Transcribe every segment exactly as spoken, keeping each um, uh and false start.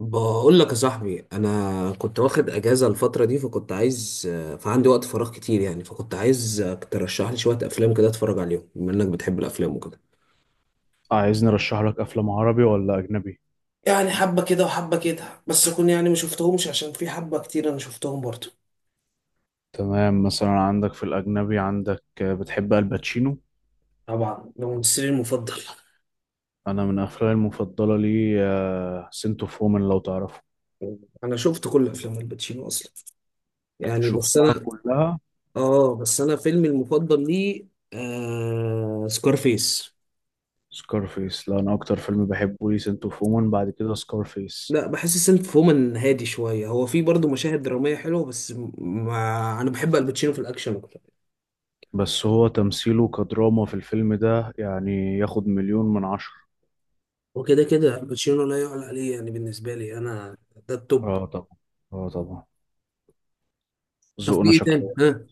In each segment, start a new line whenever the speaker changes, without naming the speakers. بقول لك يا صاحبي انا كنت واخد اجازه الفتره دي فكنت عايز فعندي وقت فراغ كتير يعني فكنت عايز ترشح لي شويه افلام كده اتفرج عليهم بما انك بتحب الافلام وكده.
عايزني ارشح لك افلام عربي ولا اجنبي؟
يعني حبة كده وحبة كده، بس أكون يعني ما شفتهمش، عشان في حبة كتير أنا شفتهم برضو.
تمام، مثلا عندك في الاجنبي عندك، آه، بتحب الباتشينو.
طبعا ده ممثلي المفضل.
انا من افلامي المفضله لي سنت اوف وومن، لو تعرفه.
انا شفت كل افلام الباتشينو اصلا. يعني بس
شفتها
انا
كلها.
اه بس انا فيلمي المفضل ليه آه سكارفيس.
سكارفيس، لا انا اكتر فيلم بحبه لي سنت اوف وومن، بعد كده سكارفيس.
لا بحس سنت فومان هادي شوية، هو في برضه مشاهد درامية حلوة بس ما أنا بحب الباتشينو في الأكشن أكتر.
بس هو تمثيله كدراما في الفيلم ده يعني ياخد مليون من عشرة.
وكده كده الباتشينو لا يعلى عليه، يعني بالنسبة لي أنا ده التوب.
اه طبعا. اه طبعا.
طب في
ذوقنا
إيه تاني؟
شكله.
ها،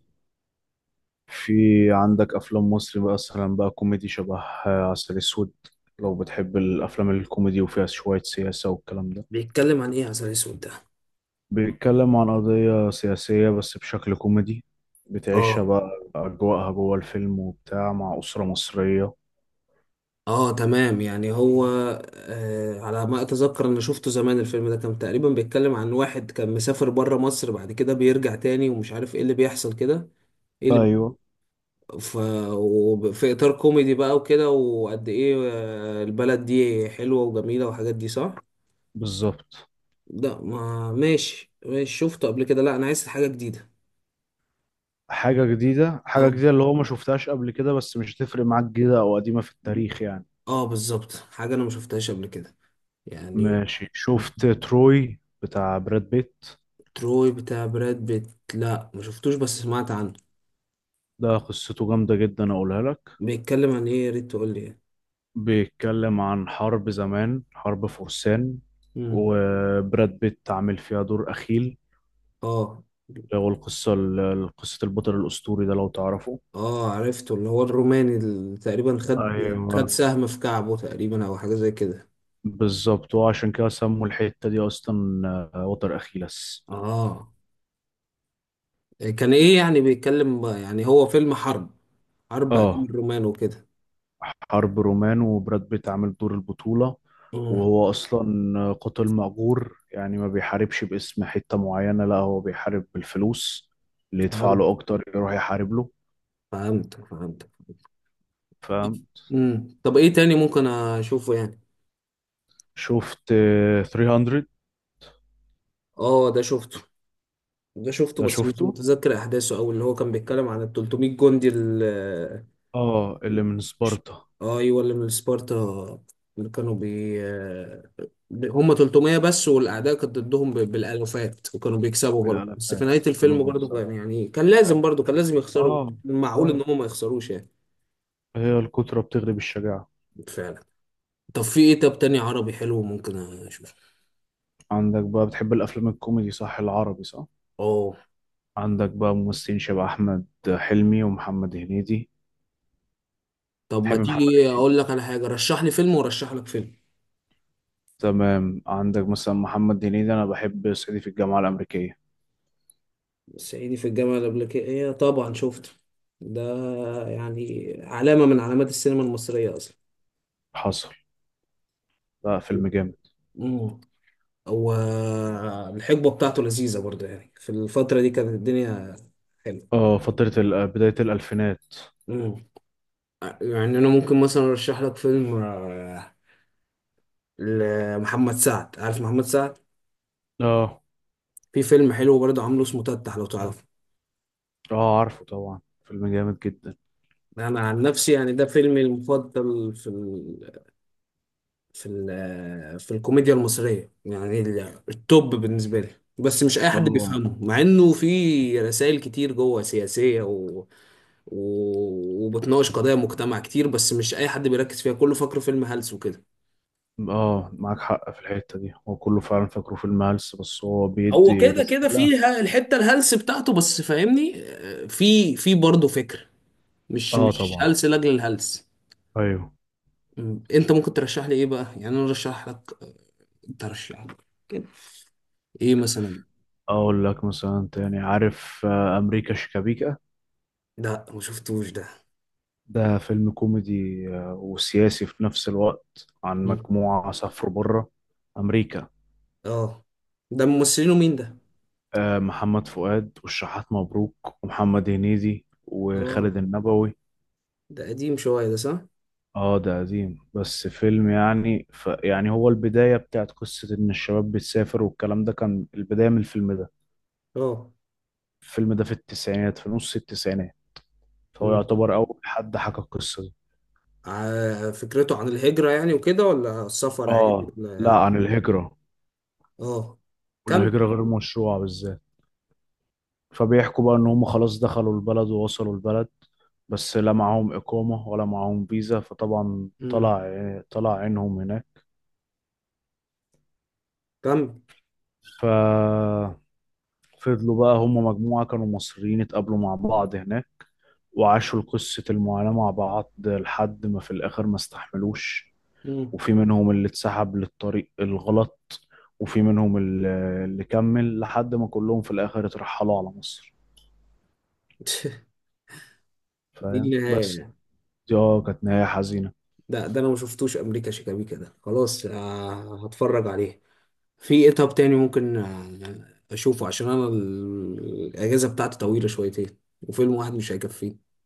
في، عندك افلام مصري مثلا بقى كوميدي شبه، آه، عسل اسود، لو بتحب الافلام الكوميدي وفيها شويه سياسه والكلام ده.
بيتكلم عن إيه عسل أسود ده؟
بيتكلم عن قضيه سياسيه بس بشكل كوميدي. بتعيشها
آه،
بقى اجواءها جوه الفيلم وبتاع مع اسره مصريه.
آه تمام، يعني هو آه على ما أتذكر أنا شفته زمان. الفيلم ده كان تقريبا بيتكلم عن واحد كان مسافر بره مصر، بعد كده بيرجع تاني ومش عارف إيه اللي بيحصل كده. إيه اللي
ايوه.
ف... وب- في إطار كوميدي بقى وكده، وقد إيه آه، البلد دي حلوة وجميلة والحاجات دي صح؟
بالظبط.
لا ما ماشي ماشي شفته قبل كده، لا أنا عايز حاجة جديدة.
حاجه جديده حاجه
اه،
جديده اللي هو ما شفتهاش قبل كده، بس مش هتفرق معاك جديده او قديمه في التاريخ يعني.
اه بالظبط، حاجة أنا ما شفتهاش قبل كده يعني.
ماشي، شفت تروي بتاع براد بيت؟
تروي بتاع براد بيت، لا ما شفتوش بس سمعت عنه.
ده قصته جامده جدا اقولها لك.
بيتكلم عن إيه؟ يا ريت تقول لي يعني.
بيتكلم عن حرب زمان، حرب فرسان.
مم.
وبراد بيت عامل فيها دور أخيل.
اه،
هو القصة ال- قصة البطل الأسطوري ده، لو تعرفه.
اه عرفته، اللي هو الروماني اللي تقريبا خد
ايوه
خد سهم في كعبه تقريبا أو حاجة زي كده.
بالظبط، وعشان كده سموا الحتة دي أصلا، آه، وتر أخيلس.
اه، كان ايه يعني بيتكلم، يعني هو فيلم حرب، حرب ايام
اه،
الرومان وكده.
حرب رومان وبراد بيت عامل دور البطولة.
مم.
وهو أصلا قاتل مأجور، يعني ما بيحاربش باسم حتة معينة، لا هو بيحارب بالفلوس، اللي يدفع
فهمت
له أكتر يروح يحارب له.
فهمت فهمت.
فاهم.
امم، طب ايه تاني ممكن اشوفه يعني؟
شفت ثلاثمية؟
اه ده شفته، ده شفته
ده
بس مش
شفته.
متذكر احداثه، او اللي هو كان بيتكلم عن ال تلتمية جندي.
اه، اللي من سبارتا.
ايوه اللي من سبارتا. اللي كانوا بي آه، هم تلتمية بس، والاعداء كانت ضدهم ب- بالالوفات، وكانوا بيكسبوا برضه، بس في
بالالافات
نهايه
وكانوا
الفيلم برضه
بيكسبوا.
كان يعني كان لازم برضه كان لازم يخسروا.
اه.
معقول ان
اه.
هم ما يخسروش يعني؟
هي الكترة بتغلب الشجاعة.
فعلا. طب في ايه طب تاني عربي حلو ممكن اشوفه؟
عندك بقى، بتحب الأفلام الكوميدي صح؟ العربي صح؟
اه،
عندك بقى ممثلين شبه أحمد حلمي ومحمد هنيدي.
طب ما
تحب محمد
تيجي
هنيدي؟
اقول لك على حاجه، رشح لي فيلم ورشح لك فيلم.
تمام، عندك مثلا محمد هنيدي، أنا بحب صعيدي في الجامعة الأمريكية.
صعيدي في الجامعه الامريكيه إيه، طبعا شفته ده، يعني علامه من علامات السينما المصريه اصلا.
حصل. لا فيلم جامد.
مم. والحقبة بتاعته لذيذة برضه، يعني في الفترة دي كانت الدنيا حلوة.
اه، فترة ال- بداية الألفينات.
مم. يعني أنا ممكن مثلا أرشح لك فيلم آه، لمحمد سعد، عارف محمد سعد؟
اه.
في فيلم حلو برضه عامله اسمه تتح، لو تعرفه.
اه عارفه طبعا، فيلم جامد جدا.
أنا عن نفسي يعني ده فيلمي المفضل في في ال- في الكوميديا المصرية، يعني ال- التوب بالنسبة لي. بس مش أي حد
اه.
بيفهمه، مع إنه في رسائل كتير جوه سياسية و... و... وبتناقش قضايا مجتمع كتير، بس مش أي حد بيركز فيها، كله فاكره فيلم هلس وكده.
اه معاك حق في الحتة دي، هو كله فعلا فاكره فيلم هلس، بس هو
هو
بيدي
كده كده
رسالة.
فيها الحتة الهلس بتاعته، بس فاهمني آه، في في برضه فكر، مش
اه
مش
طبعا.
هلس لأجل الهلس.
ايوه.
م، انت ممكن ترشح لي ايه بقى؟ يعني انا ارشح لك ترشح لك كده. ايه مثلا؟
اقول لك مثلا تاني، عارف، آه، امريكا شيكابيكا.
لا ما شفتوش ده.
ده فيلم كوميدي آه، وسياسي في نفس الوقت، عن مجموعة سافروا بره امريكا.
اه ده ممثلينه مين ده؟
آه، محمد فؤاد والشحات مبروك ومحمد هنيدي وخالد
اه
النبوي.
ده قديم شوية ده صح؟
اه ده قديم، بس فيلم يعني، ف يعني هو البداية بتاعت قصة ان الشباب بتسافر والكلام ده، كان البداية من الفيلم ده.
اه.
الفيلم ده في التسعينات، في نص التسعينات، فهو
مم.
يعتبر أول حد حكى القصة دي.
ع- فكرته عن الهجرة يعني وكده، ولا السفر عادي
آه. لا
ولا؟
عن الهجرة،
اه. كم.
والهجرة غير مشروعة بالذات. فبيحكوا بقى إن هم خلاص دخلوا البلد ووصلوا البلد، بس لا معاهم إقامة ولا معاهم فيزا، فطبعا
مم.
طلع طلع عينهم هناك.
كم.
ففضلوا بقى، هم مجموعة كانوا مصريين اتقابلوا مع بعض هناك، وعاشوا قصة المعاناة مع بعض لحد ما في الآخر ما استحملوش.
مم.
وفي منهم اللي اتسحب للطريق الغلط، وفي منهم اللي اللي كمل، لحد ما كلهم في الآخر اترحلوا على مصر.
دي
فاهم
النهاية
بس.
يعني؟
دي اه كانت نهاية حزينة.
ده ده انا ما شفتوش امريكا شيكابيكا ده، خلاص آه، هتفرج عليه. في ايه طب تاني ممكن آه، اشوفه؟ عشان انا ال- الاجازة بتاعتي طويلة شويتين، وفيلم واحد مش هيكفيه.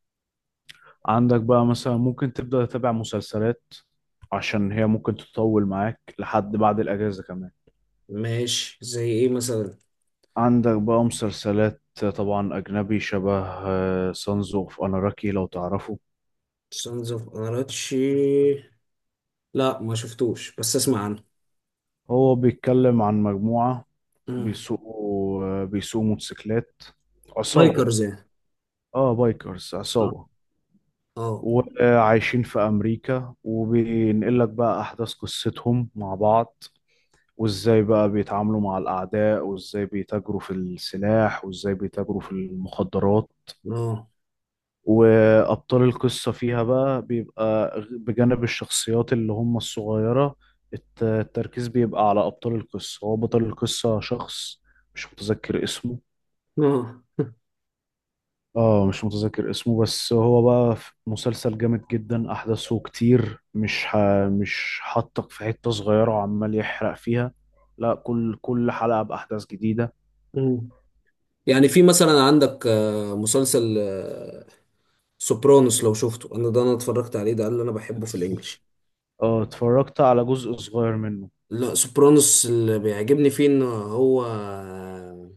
عندك بقى مثلا ممكن تبدأ تتابع مسلسلات، عشان هي ممكن تطول معاك لحد بعد الأجازة كمان.
ماشي، زي ايه مثلا؟
عندك بقى مسلسلات، طبعا أجنبي، شبه سانز اوف أناراكي، لو تعرفه.
سانز اوف اناراتشي، لا ما شفتوش بس اسمع عنه.
هو بيتكلم عن مجموعة
مم.
بيسوقوا، آه، بيسوقوا موتوسيكلات، عصابة.
لايكرز يعني،
اه بايكرز،
صح؟
عصابة.
اه.
وعايشين في أمريكا، وبينقل لك بقى أحداث قصتهم مع بعض، وإزاي بقى بيتعاملوا مع الأعداء، وإزاي بيتاجروا في السلاح، وإزاي بيتاجروا في المخدرات.
اه.
وأبطال القصة فيها بقى بيبقى غ- بجانب الشخصيات اللي هم الصغيرة، الت- التركيز بيبقى على أبطال القصة. هو بطل القصة شخص مش متذكر اسمه.
اه.
اه مش متذكر اسمه، بس هو بقى في مسلسل جامد جدا، احداثه كتير، مش ح... مش حاطك في حتة صغيرة وعمال يحرق فيها، لا كل كل حلقة بأحداث جديدة.
مم. يعني في مثلا عندك آه، مسلسل آه، سوبرانوس، لو شفته. انا ده انا اتفرجت عليه، ده اللي انا بحبه في الانجليش.
اه اتفرجت على جزء صغير منه.
لا سوبرانوس اللي بيعجبني فيه ان هو آه،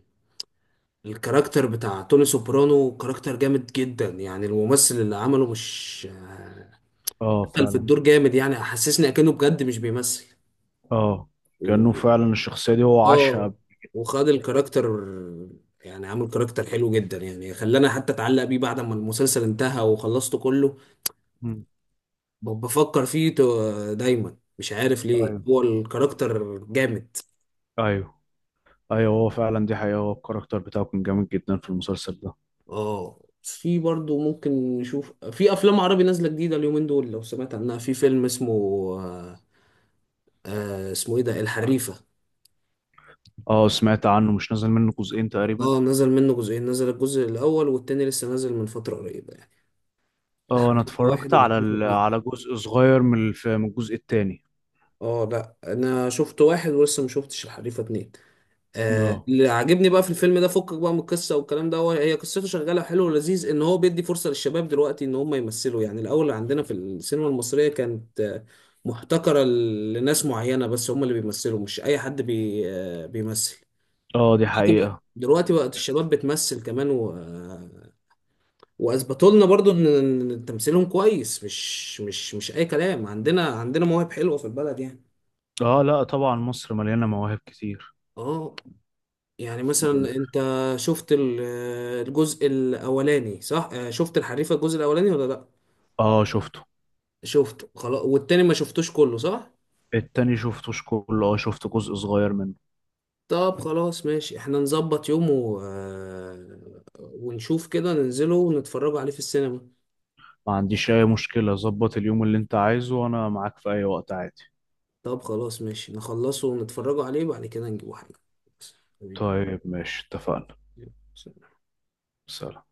الكاركتر بتاع توني سوبرانو، كاركتر جامد جدا. يعني الممثل اللي عمله مش آه،
اه
دخل في
فعلا.
الدور جامد، يعني حسسني اكنه بجد مش بيمثل.
اه كأنه فعلا الشخصية دي هو عاشها قبل.
اه، وخد الكاركتر، يعني عامل كاركتر حلو جدا، يعني خلاني حتى اتعلق بيه بعد ما المسلسل انتهى وخلصته كله.
مم.
ب- بفكر فيه تو- دايما، مش عارف ليه
ايوه
هو الكاركتر جامد.
ايوه ايوه هو فعلا دي حقيقة، هو الكاركتر بتاعه كان جامد جدا في المسلسل ده.
اه، في برضو ممكن نشوف في افلام عربي نازله جديده اليومين دول، لو سمعت عنها في فيلم اسمه آه آه، اسمه ايه ده، الحريفه.
اه سمعت عنه، مش نازل منه جزئين تقريبا.
اه نزل منه جزئين، نزل الجزء الاول والتاني لسه نازل من فتره قريبه يعني.
اه انا
الحريفه واحد
اتفرجت على
والحريفه
ال...
اتنين.
على جزء صغير من الف... من الجزء التاني.
اه لا انا شفت واحد ولسه ما شفتش الحريفه اتنين. آه،
اه.
اللي عاجبني بقى في الفيلم ده فكك بقى من القصه والكلام ده، هو هي قصته شغاله حلو ولذيذ، ان هو بيدي فرصه للشباب دلوقتي ان هم يمثلوا. يعني الاول عندنا في السينما المصريه كانت آه، محتكره ل- لناس معينه بس هم اللي بيمثلوا، مش اي حد بي آه بيمثل.
اه دي
دلوقتي بقى
حقيقة.
دلوقتي بقت الشباب بتمثل كمان و... آه، واثبتوا لنا برضو ان إن تمثيلهم كويس، مش مش مش اي كلام، عندنا عندنا مواهب حلوه في البلد يعني.
اه لا طبعا مصر مليانة مواهب كتير.
اه، يعني
قول.
مثلا انت شفت ال- الجزء الاولاني صح؟ آه، شفت الحريفه الجزء الاولاني ولا لا؟
اه شفته.
شفته خلاص، والتاني ما شفتوش كله صح؟
التاني شفتوش كله، اه شفت جزء صغير منه.
طب خلاص ماشي، احنا نظبط يوم و... آه، ونشوف كده ننزله ونتفرجوا عليه في السينما.
ما عنديش اي مشكلة، ظبط اليوم اللي انت عايزه وانا معاك في اي وقت عادي.
طب خلاص ماشي، نخلصه ونتفرجوا عليه، بعد كده نجيبوا حاجه بس. حبيبي،
طيب ماشي، اتفقنا.
يلا. سلام.
سلام.